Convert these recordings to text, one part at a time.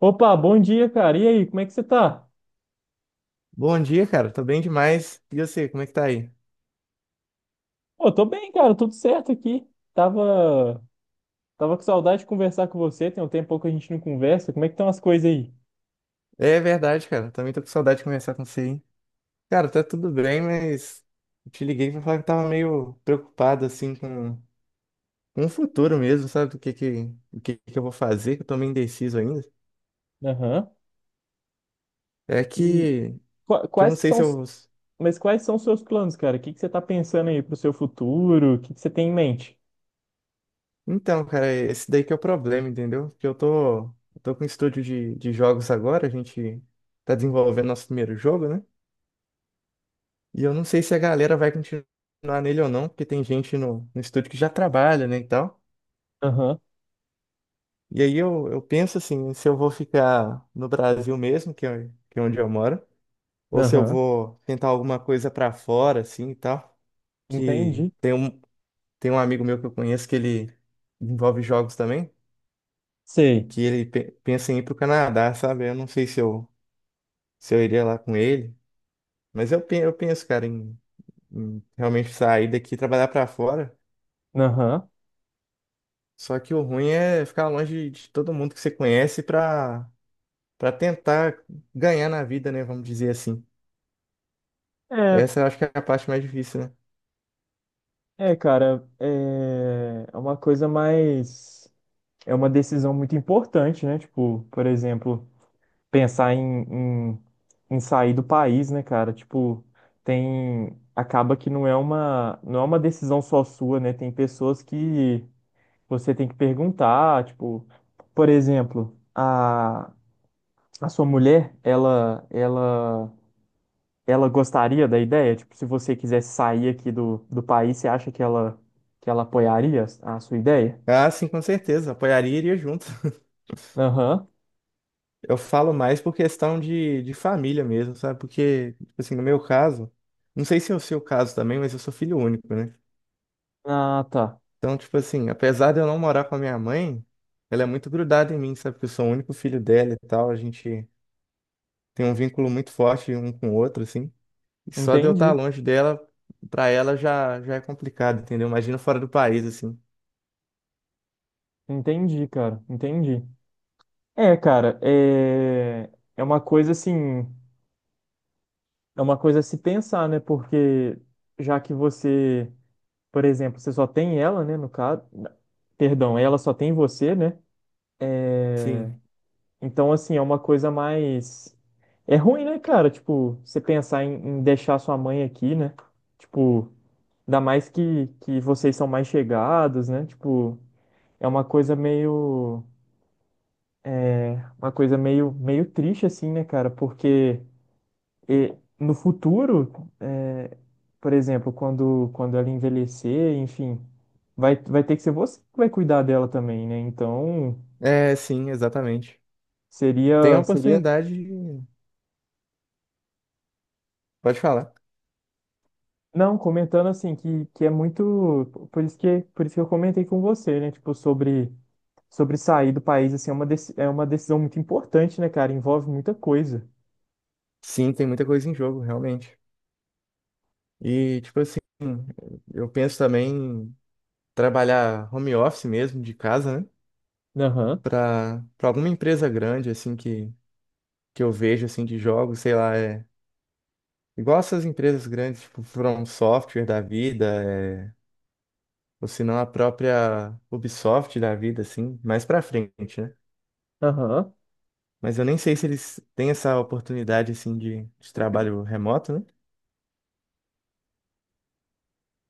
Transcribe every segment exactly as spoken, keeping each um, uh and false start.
Opa, bom dia, cara. E aí, como é que você tá? Bom dia, cara. Tô bem demais. E você, como é que tá aí? Pô, tô bem, cara, tudo certo aqui. Tava, tava com saudade de conversar com você, tem um tempo que a gente não conversa. Como é que estão as coisas aí? É verdade, cara. Também tô com saudade de conversar com você, hein? Cara, tá tudo bem, mas eu te liguei pra falar que eu tava meio preocupado, assim, com, com o futuro mesmo, sabe? Do que que, o que que eu vou fazer, que eu tô meio indeciso ainda. Aham. É E que, qua- que eu quais não que sei são, se os- eu... mas quais são os seus planos, cara? O que que você tá pensando aí pro seu futuro? O que que você tem em mente? Então, cara, esse daí que é o problema, entendeu? Porque eu tô, eu tô com um estúdio de, de jogos agora, a gente tá desenvolvendo nosso primeiro jogo, né? E eu não sei se a galera vai continuar nele ou não, porque tem gente no, no estúdio que já trabalha, né, e tal. Aham, E aí eu, eu penso assim, se eu vou ficar no Brasil mesmo, que é, que é onde eu moro, ou se eu aham. vou tentar alguma coisa pra fora, assim, e tal. Que Entendi. tem um, Tem um amigo meu que eu conheço que ele envolve jogos também, Sei. que ele pe- pensa em ir pro Canadá, sabe? Eu não sei se eu, se eu iria lá com ele, mas eu, pe- eu penso, cara, em, em realmente sair daqui e trabalhar pra fora. Aham. Só que o ruim é ficar longe de todo mundo que você conhece pra para tentar ganhar na vida, né? Vamos dizer assim. É, Essa eu acho que é a parte mais difícil, né? é, cara, é é uma coisa mais. É uma decisão muito importante, né? Tipo, por exemplo. Pensar em, em, em sair do país, né, cara? Tipo, tem. Acaba que não é uma, não é uma decisão só sua, né? Tem pessoas que você tem que perguntar, tipo, por exemplo, a, a sua mulher, ela, ela, ela gostaria da ideia? Tipo, se você quisesse sair aqui do, do país, você acha que ela, que ela apoiaria a sua ideia? Ah, sim, com certeza. Apoiaria e iria junto. Aham. Eu falo mais por questão de, de família mesmo, sabe? Porque, tipo assim, no meu caso, não sei se é o seu caso também, mas eu sou filho único, né? Ah, tá. Então, tipo assim, apesar de eu não morar com a minha mãe, ela é muito grudada em mim, sabe? Porque eu sou o único filho dela e tal. A gente tem um vínculo muito forte um com o outro, assim. E só de eu estar Entendi. longe dela, pra ela já, já é complicado, entendeu? Imagina fora do país, assim. Entendi, cara. Entendi. É, cara, é, é uma coisa assim, é uma coisa a se pensar, né? Porque já que você, por exemplo, você só tem ela, né? No caso, perdão, ela só tem você, né? É, Sim. então, assim, é uma coisa mais. É ruim, né, cara? Tipo, você pensar em, em deixar sua mãe aqui, né? Tipo, ainda mais que, que vocês são mais chegados, né? Tipo, é uma coisa meio é uma coisa meio, meio triste, assim, né, cara? Porque e no futuro, é, por exemplo, quando, quando ela envelhecer, enfim, vai, vai ter que ser você que vai cuidar dela também, né? Então, É, sim, exatamente. Tem a seria, seria... oportunidade de... Pode falar. Não, comentando assim, que, que é muito... Por isso que, por isso que eu comentei com você, né? Tipo, sobre, sobre sair do país, assim, é uma, deci- é uma decisão muito importante, né, cara? Envolve muita coisa. Sim, tem muita coisa em jogo, realmente. E, tipo assim, eu penso também em trabalhar home office mesmo, de casa, né? Aham, Pra, pra alguma empresa grande, assim, que, que eu vejo, assim, de jogos, sei lá, é... Igual essas empresas grandes, tipo, From Software da vida, é ou se não a própria Ubisoft da vida, assim, mais pra frente, né? aham. Mas eu nem sei se eles têm essa oportunidade, assim, de, de trabalho remoto, né?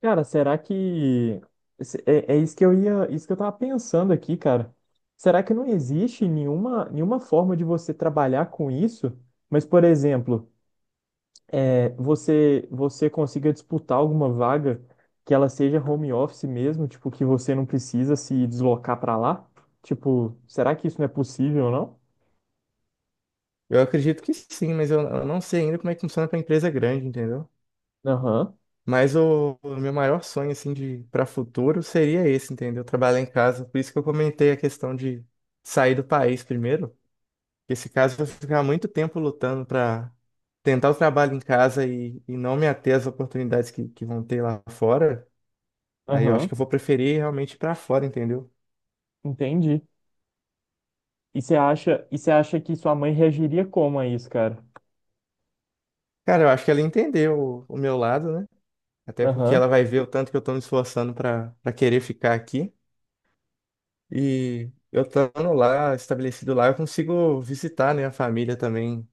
Cara, será que se- é, é isso que eu ia, isso que eu tava pensando aqui, cara. Será que não existe nenhuma, nenhuma forma de você trabalhar com isso? Mas, por exemplo, é, você você consiga disputar alguma vaga que ela seja home office mesmo, tipo que você não precisa se deslocar para lá? Tipo, será que isso não é possível, não? Eu acredito que sim, mas eu, eu não sei ainda como é que funciona pra empresa grande, entendeu? Aham, Mas o, o meu maior sonho, assim, de para futuro seria esse, entendeu? Trabalhar em casa. Por isso que eu comentei a questão de sair do país primeiro, porque esse caso eu vou ficar muito tempo lutando pra tentar o trabalho em casa e, e não me ater às oportunidades que, que vão ter lá fora. Aí eu acho aham, que eu vou preferir realmente ir pra fora, entendeu? entendi. E você acha, e você acha que sua mãe reagiria como a isso, cara? Cara, eu acho que ela entendeu o, o meu lado, né? Até porque Aham, ela vai ver o tanto que eu tô me esforçando pra, pra querer ficar aqui. E eu estando lá, estabelecido lá, eu consigo visitar, né, a família também.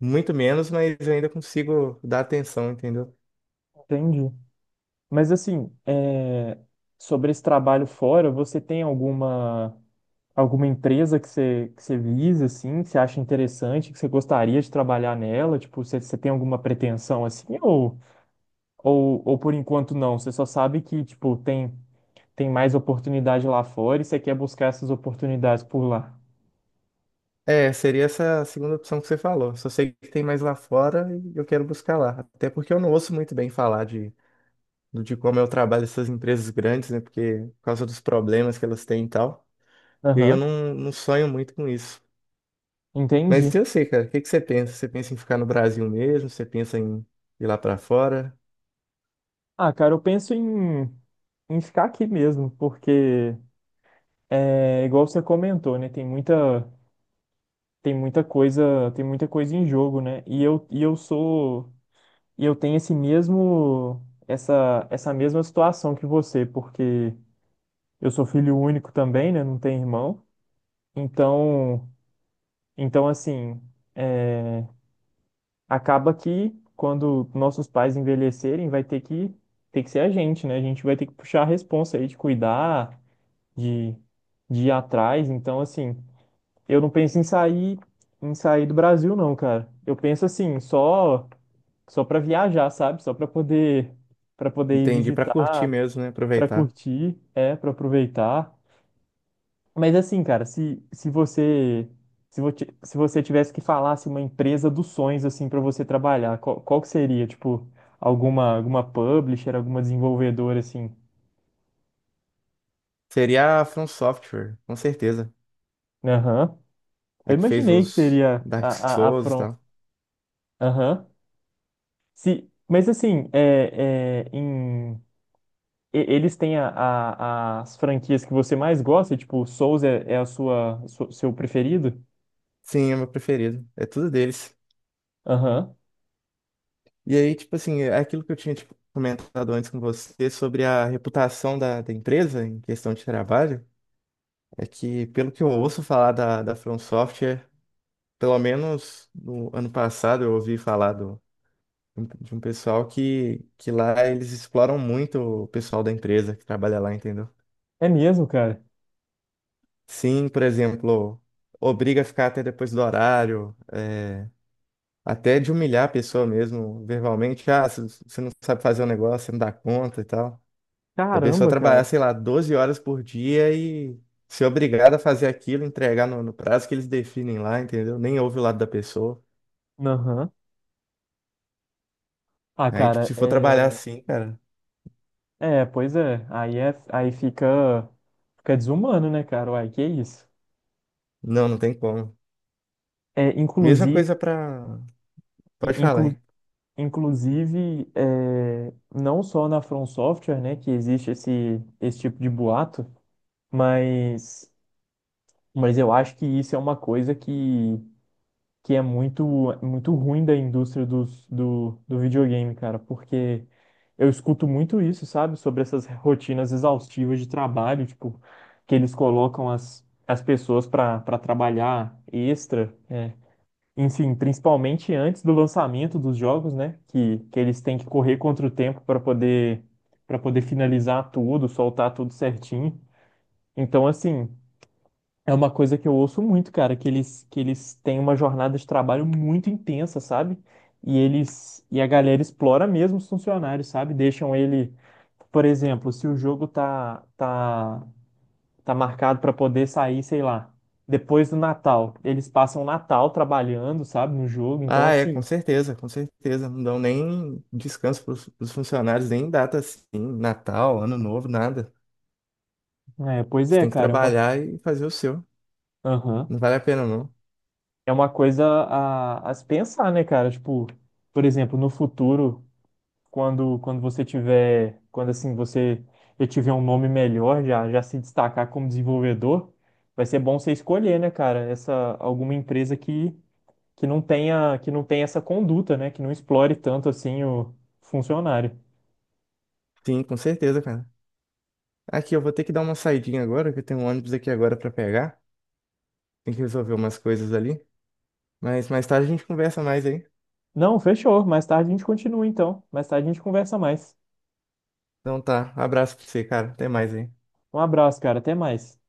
Muito menos, mas eu ainda consigo dar atenção, entendeu? entendi. Mas assim, é, sobre esse trabalho fora, você tem alguma alguma empresa que você, que você visa, assim, que você acha interessante, que você gostaria de trabalhar nela? Tipo, você, você tem alguma pretensão assim? Ou, ou, ou por enquanto não? Você só sabe que, tipo, tem, tem mais oportunidade lá fora e você quer buscar essas oportunidades por lá. É, seria essa segunda opção que você falou. Só sei que tem mais lá fora e eu quero buscar lá. Até porque eu não ouço muito bem falar de, de como é o trabalho dessas empresas grandes, né? Porque, por causa dos problemas que elas têm e tal. E aí eu Aham, não, não sonho muito com isso. entendi. Mas eu sei, cara, o que que você pensa? Você pensa em ficar no Brasil mesmo? Você pensa em ir lá pra fora? Ah, cara, eu penso em, em ficar aqui mesmo, porque é igual você comentou, né? Tem muita. Tem muita coisa, tem muita coisa em jogo, né? E eu, e eu sou, e eu tenho esse mesmo, essa, essa mesma situação que você, porque eu sou filho único também, né? Não tenho irmão. Então, então assim, é, acaba que quando nossos pais envelhecerem, vai ter que, ter que ser a gente, né? A gente vai ter que puxar a responsa aí de cuidar, de, de ir atrás. Então, assim, eu não penso em sair, em sair do Brasil, não, cara. Eu penso assim, só só para viajar, sabe? Só para poder para poder ir Entendi, pra curtir visitar, mesmo, né? para Aproveitar. curtir, é, para aproveitar. Mas assim, cara, se se você se você, se você tivesse que falar assim, uma empresa dos sonhos assim para você trabalhar, qual, qual que seria, tipo, alguma alguma publisher, alguma desenvolvedora assim? Seria a From Software, com certeza. Aham. Eu A que fez imaginei que os seria Dark a a, a Souls e From. tal. Aham. Se mas assim, é, é, em e- eles têm a- a- as franquias que você mais gosta? Tipo, Souls é, é a sua, su- seu preferido? Sim, é meu preferido. É tudo deles. Aham. E aí, tipo assim, é aquilo que eu tinha tipo, comentado antes com você sobre a reputação da, da empresa em questão de trabalho. É que, pelo que eu ouço falar da, da From Software, pelo menos no ano passado eu ouvi falar um- de um pessoal que, que lá eles exploram muito o pessoal da empresa que trabalha lá, entendeu? É mesmo, cara? Sim, por exemplo, obriga a ficar até depois do horário, é, até de humilhar a pessoa mesmo, verbalmente. Ah, você você não sabe fazer o negócio, você não dá conta e tal. Da pessoa Caramba, trabalhar, cara. sei lá, doze horas por dia e ser obrigada a fazer aquilo, entregar no, no prazo que eles definem lá, entendeu? Nem ouve o lado da pessoa. Aham. Ah, Aí, tipo, cara, se for trabalhar é... assim, cara, É, pois é. Aí, é, aí fica... Fica desumano, né, cara? Uai, que isso? não, não tem como. É, Mesma inclusive... coisa pra. Pode falar, Inclu, hein? inclusive, é, não só na From Software, né, que existe esse, esse tipo de boato, mas... Mas eu acho que isso é uma coisa que... que é muito, muito ruim da indústria dos, do, do videogame, cara, porque eu escuto muito isso, sabe, sobre essas rotinas exaustivas de trabalho, tipo, que eles colocam as, as pessoas para para trabalhar extra, é. Enfim, principalmente antes do lançamento dos jogos, né, que, que eles têm que correr contra o tempo para poder para poder finalizar tudo, soltar tudo certinho. Então, assim, é uma coisa que eu ouço muito, cara, que eles, que eles têm uma jornada de trabalho muito intensa, sabe? E eles e a galera explora mesmo os funcionários, sabe? Deixam ele, por exemplo, se o jogo tá tá tá marcado para poder sair, sei lá, depois do Natal, eles passam o Natal trabalhando, sabe, no jogo. Então Ah, é, com assim, certeza, com certeza. Não dão nem descanso para os funcionários, nem data assim, Natal, Ano Novo, nada. é, pois Você é, tem que cara, é uma trabalhar e fazer o seu. aham. Não vale a pena, não. É uma coisa a, a se pensar, né, cara? Tipo, por exemplo, no futuro quando quando você tiver, quando assim você já tiver um nome melhor, já já se destacar como desenvolvedor, vai ser bom você escolher, né, cara, essa alguma empresa que que não tenha que não tenha essa conduta, né, que não explore tanto assim o funcionário. Sim, com certeza, cara. Aqui, eu vou ter que dar uma saidinha agora, que eu tenho um ônibus aqui agora para pegar. Tem que resolver umas coisas ali. Mas mais tarde a gente conversa mais aí. Não, fechou. Mais tarde a gente continua então. Mais tarde a gente conversa mais. Então tá, abraço pra você, cara. Até mais aí. Um abraço, cara. Até mais.